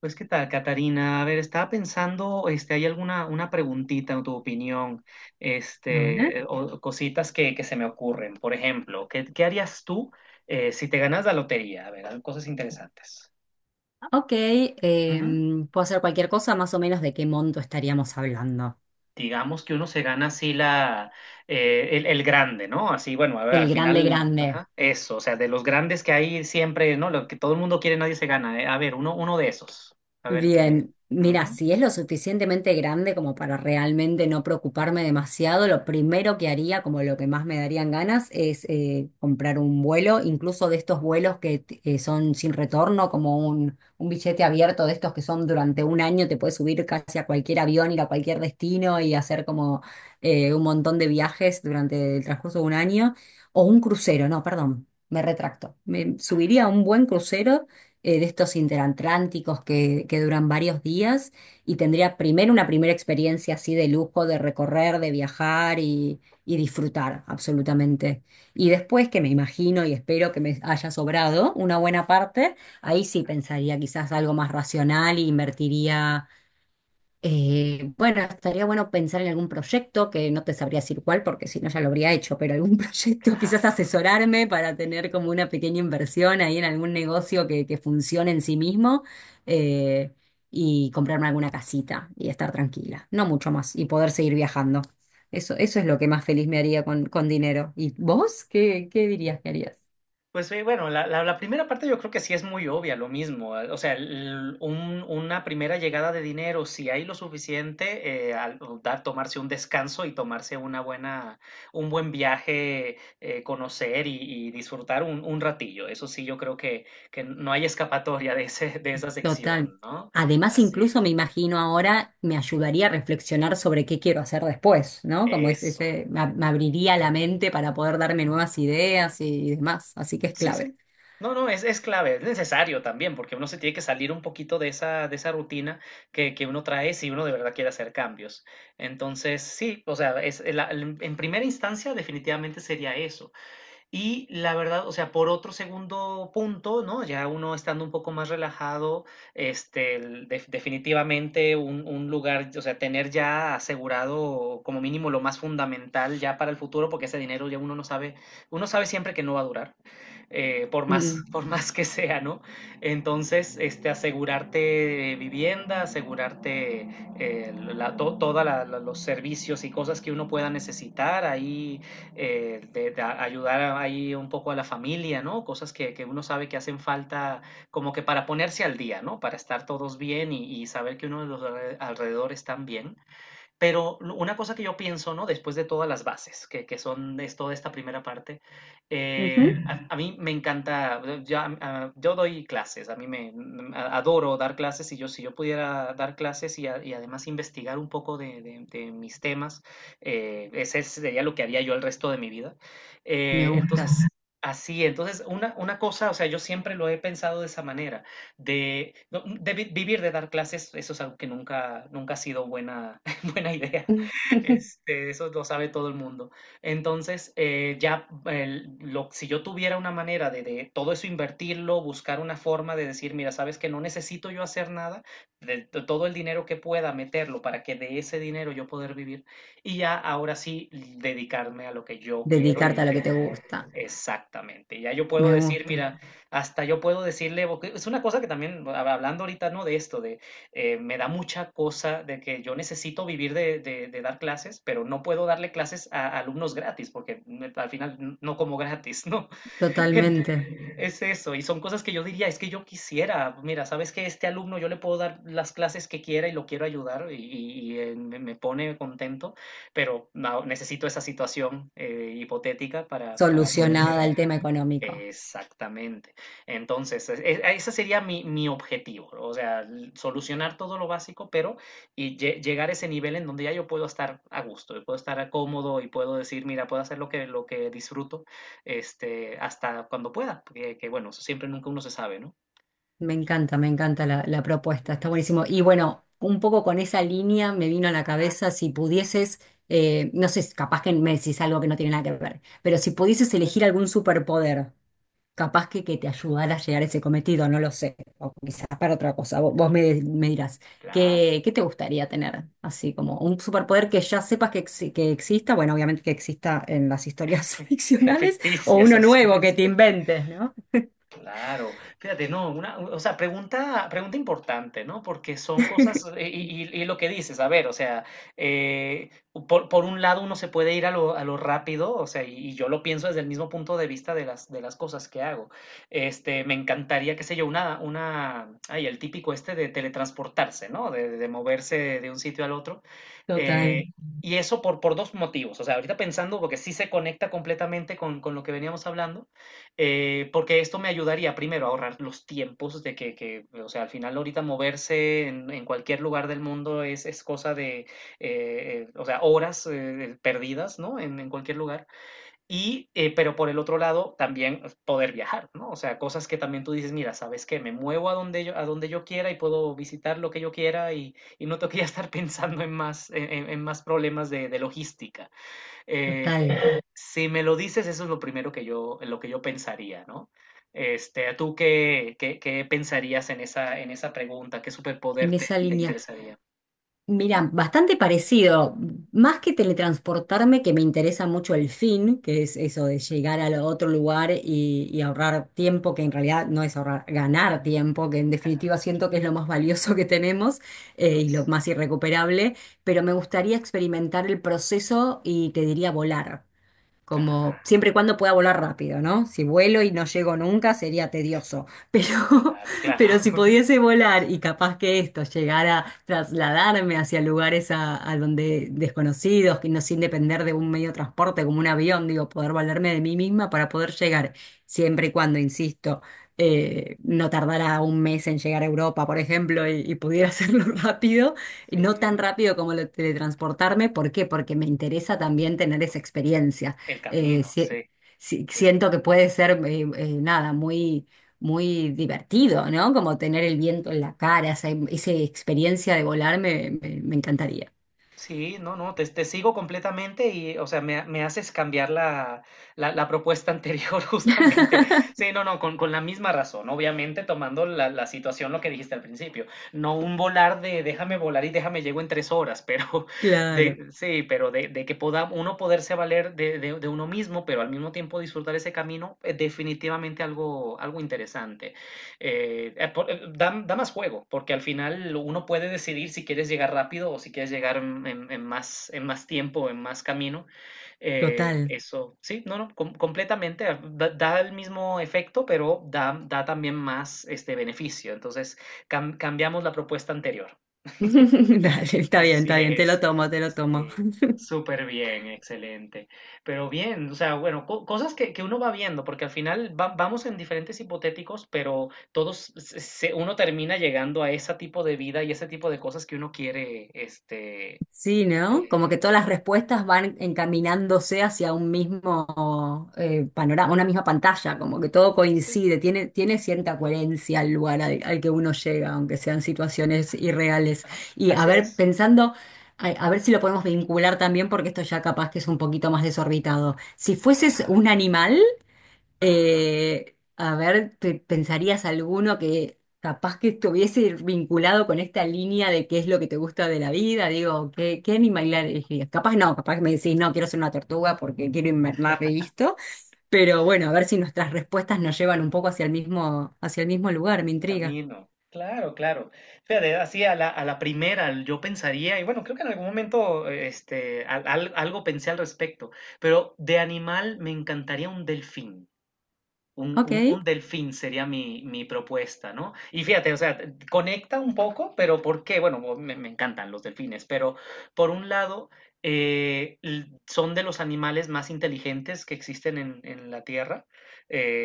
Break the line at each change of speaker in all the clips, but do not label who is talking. ¿Qué tal, Catarina? A ver, estaba pensando, este, ¿hay alguna una preguntita en tu opinión?
A ver.
O cositas que se me ocurren. Por ejemplo, ¿qué harías tú si te ganas la lotería? A ver, hay cosas interesantes.
Ok,
Ujú.
puedo hacer cualquier cosa, más o menos de qué monto estaríamos hablando.
Digamos que uno se gana así el grande, ¿no? Así, bueno, a ver,
El
al
grande,
final,
grande.
ajá, eso, o sea, de los grandes que hay siempre, ¿no? Lo que todo el mundo quiere, nadie se gana. A ver, uno de esos. A ver qué.
Bien, mira,
Ujú.
si es lo suficientemente grande como para realmente no preocuparme demasiado, lo primero que haría, como lo que más me darían ganas, es comprar un vuelo, incluso de estos vuelos que son sin retorno, como un billete abierto de estos que son durante un año, te puedes subir casi a cualquier avión, ir a cualquier destino y hacer como un montón de viajes durante el transcurso de un año, o un crucero, no, perdón. Me retracto. Me subiría a un buen crucero de estos interatlánticos que duran varios días y tendría primero una primera experiencia así de lujo, de recorrer, de viajar y disfrutar absolutamente. Y después, que me imagino y espero que me haya sobrado una buena parte, ahí sí pensaría quizás algo más racional e invertiría bueno, estaría bueno pensar en algún proyecto, que no te sabría decir cuál, porque si no ya lo habría hecho, pero algún proyecto, quizás
Claro.
asesorarme para tener como una pequeña inversión ahí en algún negocio que funcione en sí mismo, eh, y comprarme alguna casita y estar tranquila, no mucho más, y poder seguir viajando. Eso es lo que más feliz me haría con dinero. ¿Y vos? ¿Qué, qué dirías que harías?
Pues sí, bueno, la primera parte yo creo que sí es muy obvia, lo mismo. O sea, una primera llegada de dinero, si hay lo suficiente, o dar, tomarse un descanso y tomarse una buena, un buen viaje, conocer y disfrutar un ratillo. Eso sí, yo creo que no hay escapatoria de ese, de esa
Total.
sección, ¿no?
Además,
Así,
incluso me imagino ahora, me ayudaría a reflexionar sobre qué quiero hacer después, ¿no? Como es
eso.
ese, me, me abriría la mente para poder darme nuevas ideas y demás. Así que es
Sí,
clave.
sí. No, no, es clave, es necesario también, porque uno se tiene que salir un poquito de esa rutina que uno trae si uno de verdad quiere hacer cambios. Entonces, sí, o sea, es, en primera instancia definitivamente sería eso, y la verdad, o sea, por otro segundo punto, ¿no? Ya uno estando un poco más relajado, definitivamente un lugar, o sea, tener ya asegurado como mínimo lo más fundamental ya para el futuro, porque ese dinero ya uno no sabe, uno sabe siempre que no va a durar, por más,
Mm,
por más que sea, ¿no? Entonces, este, asegurarte vivienda, asegurarte toda los servicios y cosas que uno pueda necesitar ahí de ayudar ahí un poco a la familia, ¿no? Cosas que uno sabe que hacen falta como que para ponerse al día, ¿no? Para estar todos bien y saber que uno de los alrededor están bien. Pero una cosa que yo pienso, ¿no? Después de todas las bases, que son de toda esta primera parte,
ujú.
mí me encanta, ya, yo doy clases, a mí me mm, a, adoro dar clases y yo si yo pudiera dar clases y además investigar un poco de mis temas, ese sería lo que haría yo el resto de mi vida.
Me
Eh, entonces,
gusta.
Así, entonces, cosa, o sea, yo siempre lo he pensado de esa manera, de, no, de, vi- vivir de dar clases, eso es algo que nunca, nunca ha sido buena, buena idea. Este, eso lo sabe todo el mundo. Entonces, si yo tuviera una manera de todo eso invertirlo, buscar una forma de decir, mira, sabes que no necesito yo hacer nada, todo el dinero que pueda meterlo para que de ese dinero yo poder vivir y ya ahora sí dedicarme a lo que yo quiero y
Dedicarte
lo
a lo
que
que te
me...
gusta.
Exactamente. Ya yo puedo
Me
decir,
gusta.
mira, hasta yo puedo decirle, porque es una cosa que también, hablando ahorita, ¿no? De esto, de me da mucha cosa de que yo necesito vivir de dar clases, pero no puedo darle clases a alumnos gratis, porque al final no como gratis, ¿no? Ent-
Totalmente
Es eso, y son cosas que yo diría, es que yo quisiera, mira, sabes que este alumno yo le puedo dar las clases que quiera y lo quiero ayudar y me pone contento, pero no, necesito esa situación hipotética para poder
solucionada
llegar.
el tema económico.
Exactamente. Entonces, ese sería mi, mi objetivo, ¿no? O sea, solucionar todo lo básico, pero y llegar a ese nivel en donde ya yo puedo estar a gusto, y puedo estar a cómodo y puedo decir, mira, puedo hacer lo que disfruto, este, hasta cuando pueda, porque, que bueno, eso siempre nunca uno se sabe, ¿no?
Me encanta la propuesta, está
Es,
buenísimo. Y bueno, un poco con esa línea me vino a la
ajá,
cabeza si pudieses, no sé, capaz que me decís algo que no tiene nada que ver, pero si pudieses
es-
elegir algún superpoder, capaz que te ayudara a llegar a ese cometido, no lo sé, o quizás para otra cosa, vos, vos me, me dirás,
claro,
¿qué, qué te gustaría tener? Así como un superpoder que ya sepas que, que exista, bueno, obviamente que exista en las historias ficcionales, o
ficticias,
uno
así
nuevo que
es.
te inventes, ¿no?
Claro, fíjate, no, una, o sea, pregunta, pregunta importante, ¿no? Porque son cosas, y lo que dices, a ver, o sea, eh, por un lado uno se puede ir a lo rápido, o sea, y yo lo pienso desde el mismo punto de vista de las cosas que hago. Este, me encantaría, qué sé yo, el típico este de teletransportarse, ¿no? De moverse de un sitio al otro. eh,
Total,
y eso por dos motivos, o sea, ahorita pensando, porque sí se conecta completamente con lo que veníamos hablando. Porque esto me ayudaría primero a ahorrar los tiempos de que o sea, al final ahorita moverse en cualquier lugar del mundo es cosa de o sea, horas perdidas, ¿no? En cualquier lugar. Pero por el otro lado, también poder viajar, ¿no? O sea, cosas que también tú dices, mira, ¿sabes qué? Me muevo a donde yo quiera y puedo visitar lo que yo quiera y no tengo que ya estar pensando en más, en más problemas de logística. Eh,
total.
si me lo dices, eso es lo primero que yo, lo que yo pensaría, ¿no? Este, tú ¿qué pensarías en esa pregunta? ¿Qué superpoder
En esa
te
línea.
interesaría?
Mira, bastante parecido. Más que teletransportarme, que me interesa mucho el fin, que es eso de llegar a otro lugar y ahorrar tiempo, que en realidad no es ahorrar, ganar tiempo, que en definitiva siento que es lo más valioso que tenemos,
Lo
y lo
es.
más irrecuperable, pero me gustaría experimentar el proceso y te diría volar
Ah,
como siempre y cuando pueda volar rápido, ¿no? Si vuelo y no llego nunca sería tedioso, pero,
claro, claro.
pero si pudiese volar y capaz que esto llegara a trasladarme hacia lugares a donde desconocidos, que no sin depender de un medio de transporte como un avión, digo, poder valerme de mí misma para poder llegar, siempre y cuando, insisto, no tardara un mes en llegar a Europa, por ejemplo, y pudiera hacerlo rápido, y no tan
Sí,
rápido como lo de teletransportarme, ¿por qué? Porque me interesa también tener esa experiencia.
el
eh,
camino,
si-
sí, sí, sí.
Siento que puede ser, nada, muy, muy divertido, ¿no? Como tener el viento en la cara, esa, esa experiencia de volar me encantaría.
Sí, no, no, te sigo completamente y, o sea, me haces cambiar la propuesta anterior justamente. Sí, no, no, con la misma razón, obviamente tomando la, la situación, lo que dijiste al principio. No un volar de déjame volar y déjame llego en tres horas, pero de,
Claro,
sí, pero de que pueda uno poderse valer de uno mismo, pero al mismo tiempo disfrutar ese camino, es definitivamente algo, algo interesante. Da, da más juego, porque al final uno puede decidir si quieres llegar rápido o si quieres llegar en, en más tiempo, en más camino.
total.
Sí, no, no, completamente. Da, da el mismo efecto, pero da, da también más este beneficio. Entonces, cambiamos la propuesta anterior.
Dale,
Así
está bien, te lo
es.
tomo, te lo tomo.
Sí, súper bien, excelente. Pero bien, o sea, bueno, cosas que uno va viendo, porque al final vamos en diferentes hipotéticos, pero todos, uno termina llegando a ese tipo de vida y ese tipo de cosas que uno quiere, este,
Sí, ¿no? Como que
de,
todas las
del,
respuestas van encaminándose hacia un mismo panorama, una misma pantalla, como que todo
sí,
coincide, tiene, tiene cierta coherencia al lugar al, al que uno llega, aunque sean situaciones irreales.
ajá,
Y a
así
ver,
es.
pensando, a ver si lo podemos vincular también, porque esto ya capaz que es un poquito más desorbitado. Si fueses
Ajá,
un animal,
ajá.
a ver, ¿te pensarías alguno que capaz que estuviese vinculado con esta línea de qué es lo que te gusta de la vida? Digo, ¿qué, qué animal elegirías? Capaz no, capaz me decís, no, quiero ser una tortuga porque quiero invernar y listo. Pero bueno, a ver si nuestras respuestas nos llevan un poco hacia el mismo lugar, me
El
intriga.
camino. Claro, claro. Fíjate, así a la primera yo pensaría, y bueno, creo que en algún momento algo pensé al respecto, pero de animal me encantaría un delfín. Un,
Ok,
un delfín sería mi, mi propuesta, ¿no? Y fíjate, o sea, conecta un poco, pero ¿por qué? Bueno, me encantan los delfines, pero por un lado, son de los animales más inteligentes que existen en la Tierra.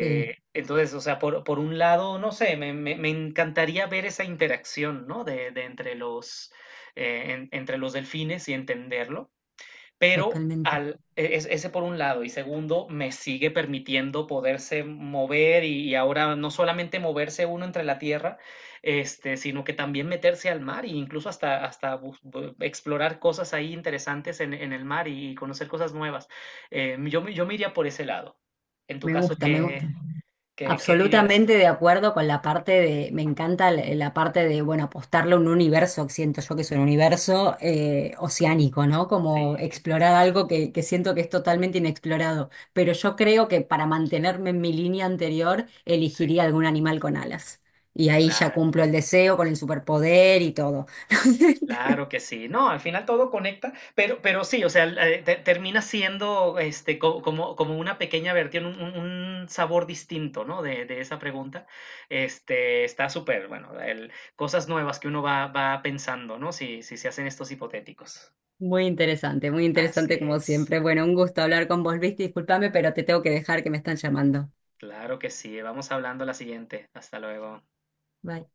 sí,
Entonces, o sea, por un lado, no sé, me encantaría ver esa interacción, ¿no? De entre los, entre los delfines y entenderlo, pero
totalmente.
ese por un lado, y segundo, me sigue permitiendo poderse mover y ahora no solamente moverse uno entre la tierra, este, sino que también meterse al mar e incluso hasta, hasta explorar cosas ahí interesantes en el mar y, conocer cosas nuevas. Yo me iría por ese lado. En tu
Me
caso,
gusta, me gusta.
¿qué dirías tú?
Absolutamente de acuerdo con la parte de, me encanta la la parte de, bueno, apostarle a un universo, que siento yo que es un universo oceánico, ¿no? Como
Sí,
explorar algo que siento que es totalmente inexplorado. Pero yo creo que para mantenerme en mi línea anterior, elegiría
sí,
algún animal con alas. Y ahí ya
claro.
cumplo el deseo con el superpoder y todo.
Claro que sí, no, al final todo conecta, pero sí, o sea, termina siendo este, como como una pequeña versión, un sabor distinto, ¿no? De esa pregunta. Este, está súper, bueno, cosas nuevas que uno va pensando, ¿no? Si, si se hacen estos hipotéticos.
Muy
Así
interesante como
es,
siempre. Bueno, un gusto hablar con vos, Luis. Disculpame, pero te tengo que dejar que me están llamando.
claro que sí, vamos hablando a la siguiente. Hasta luego.
Bye.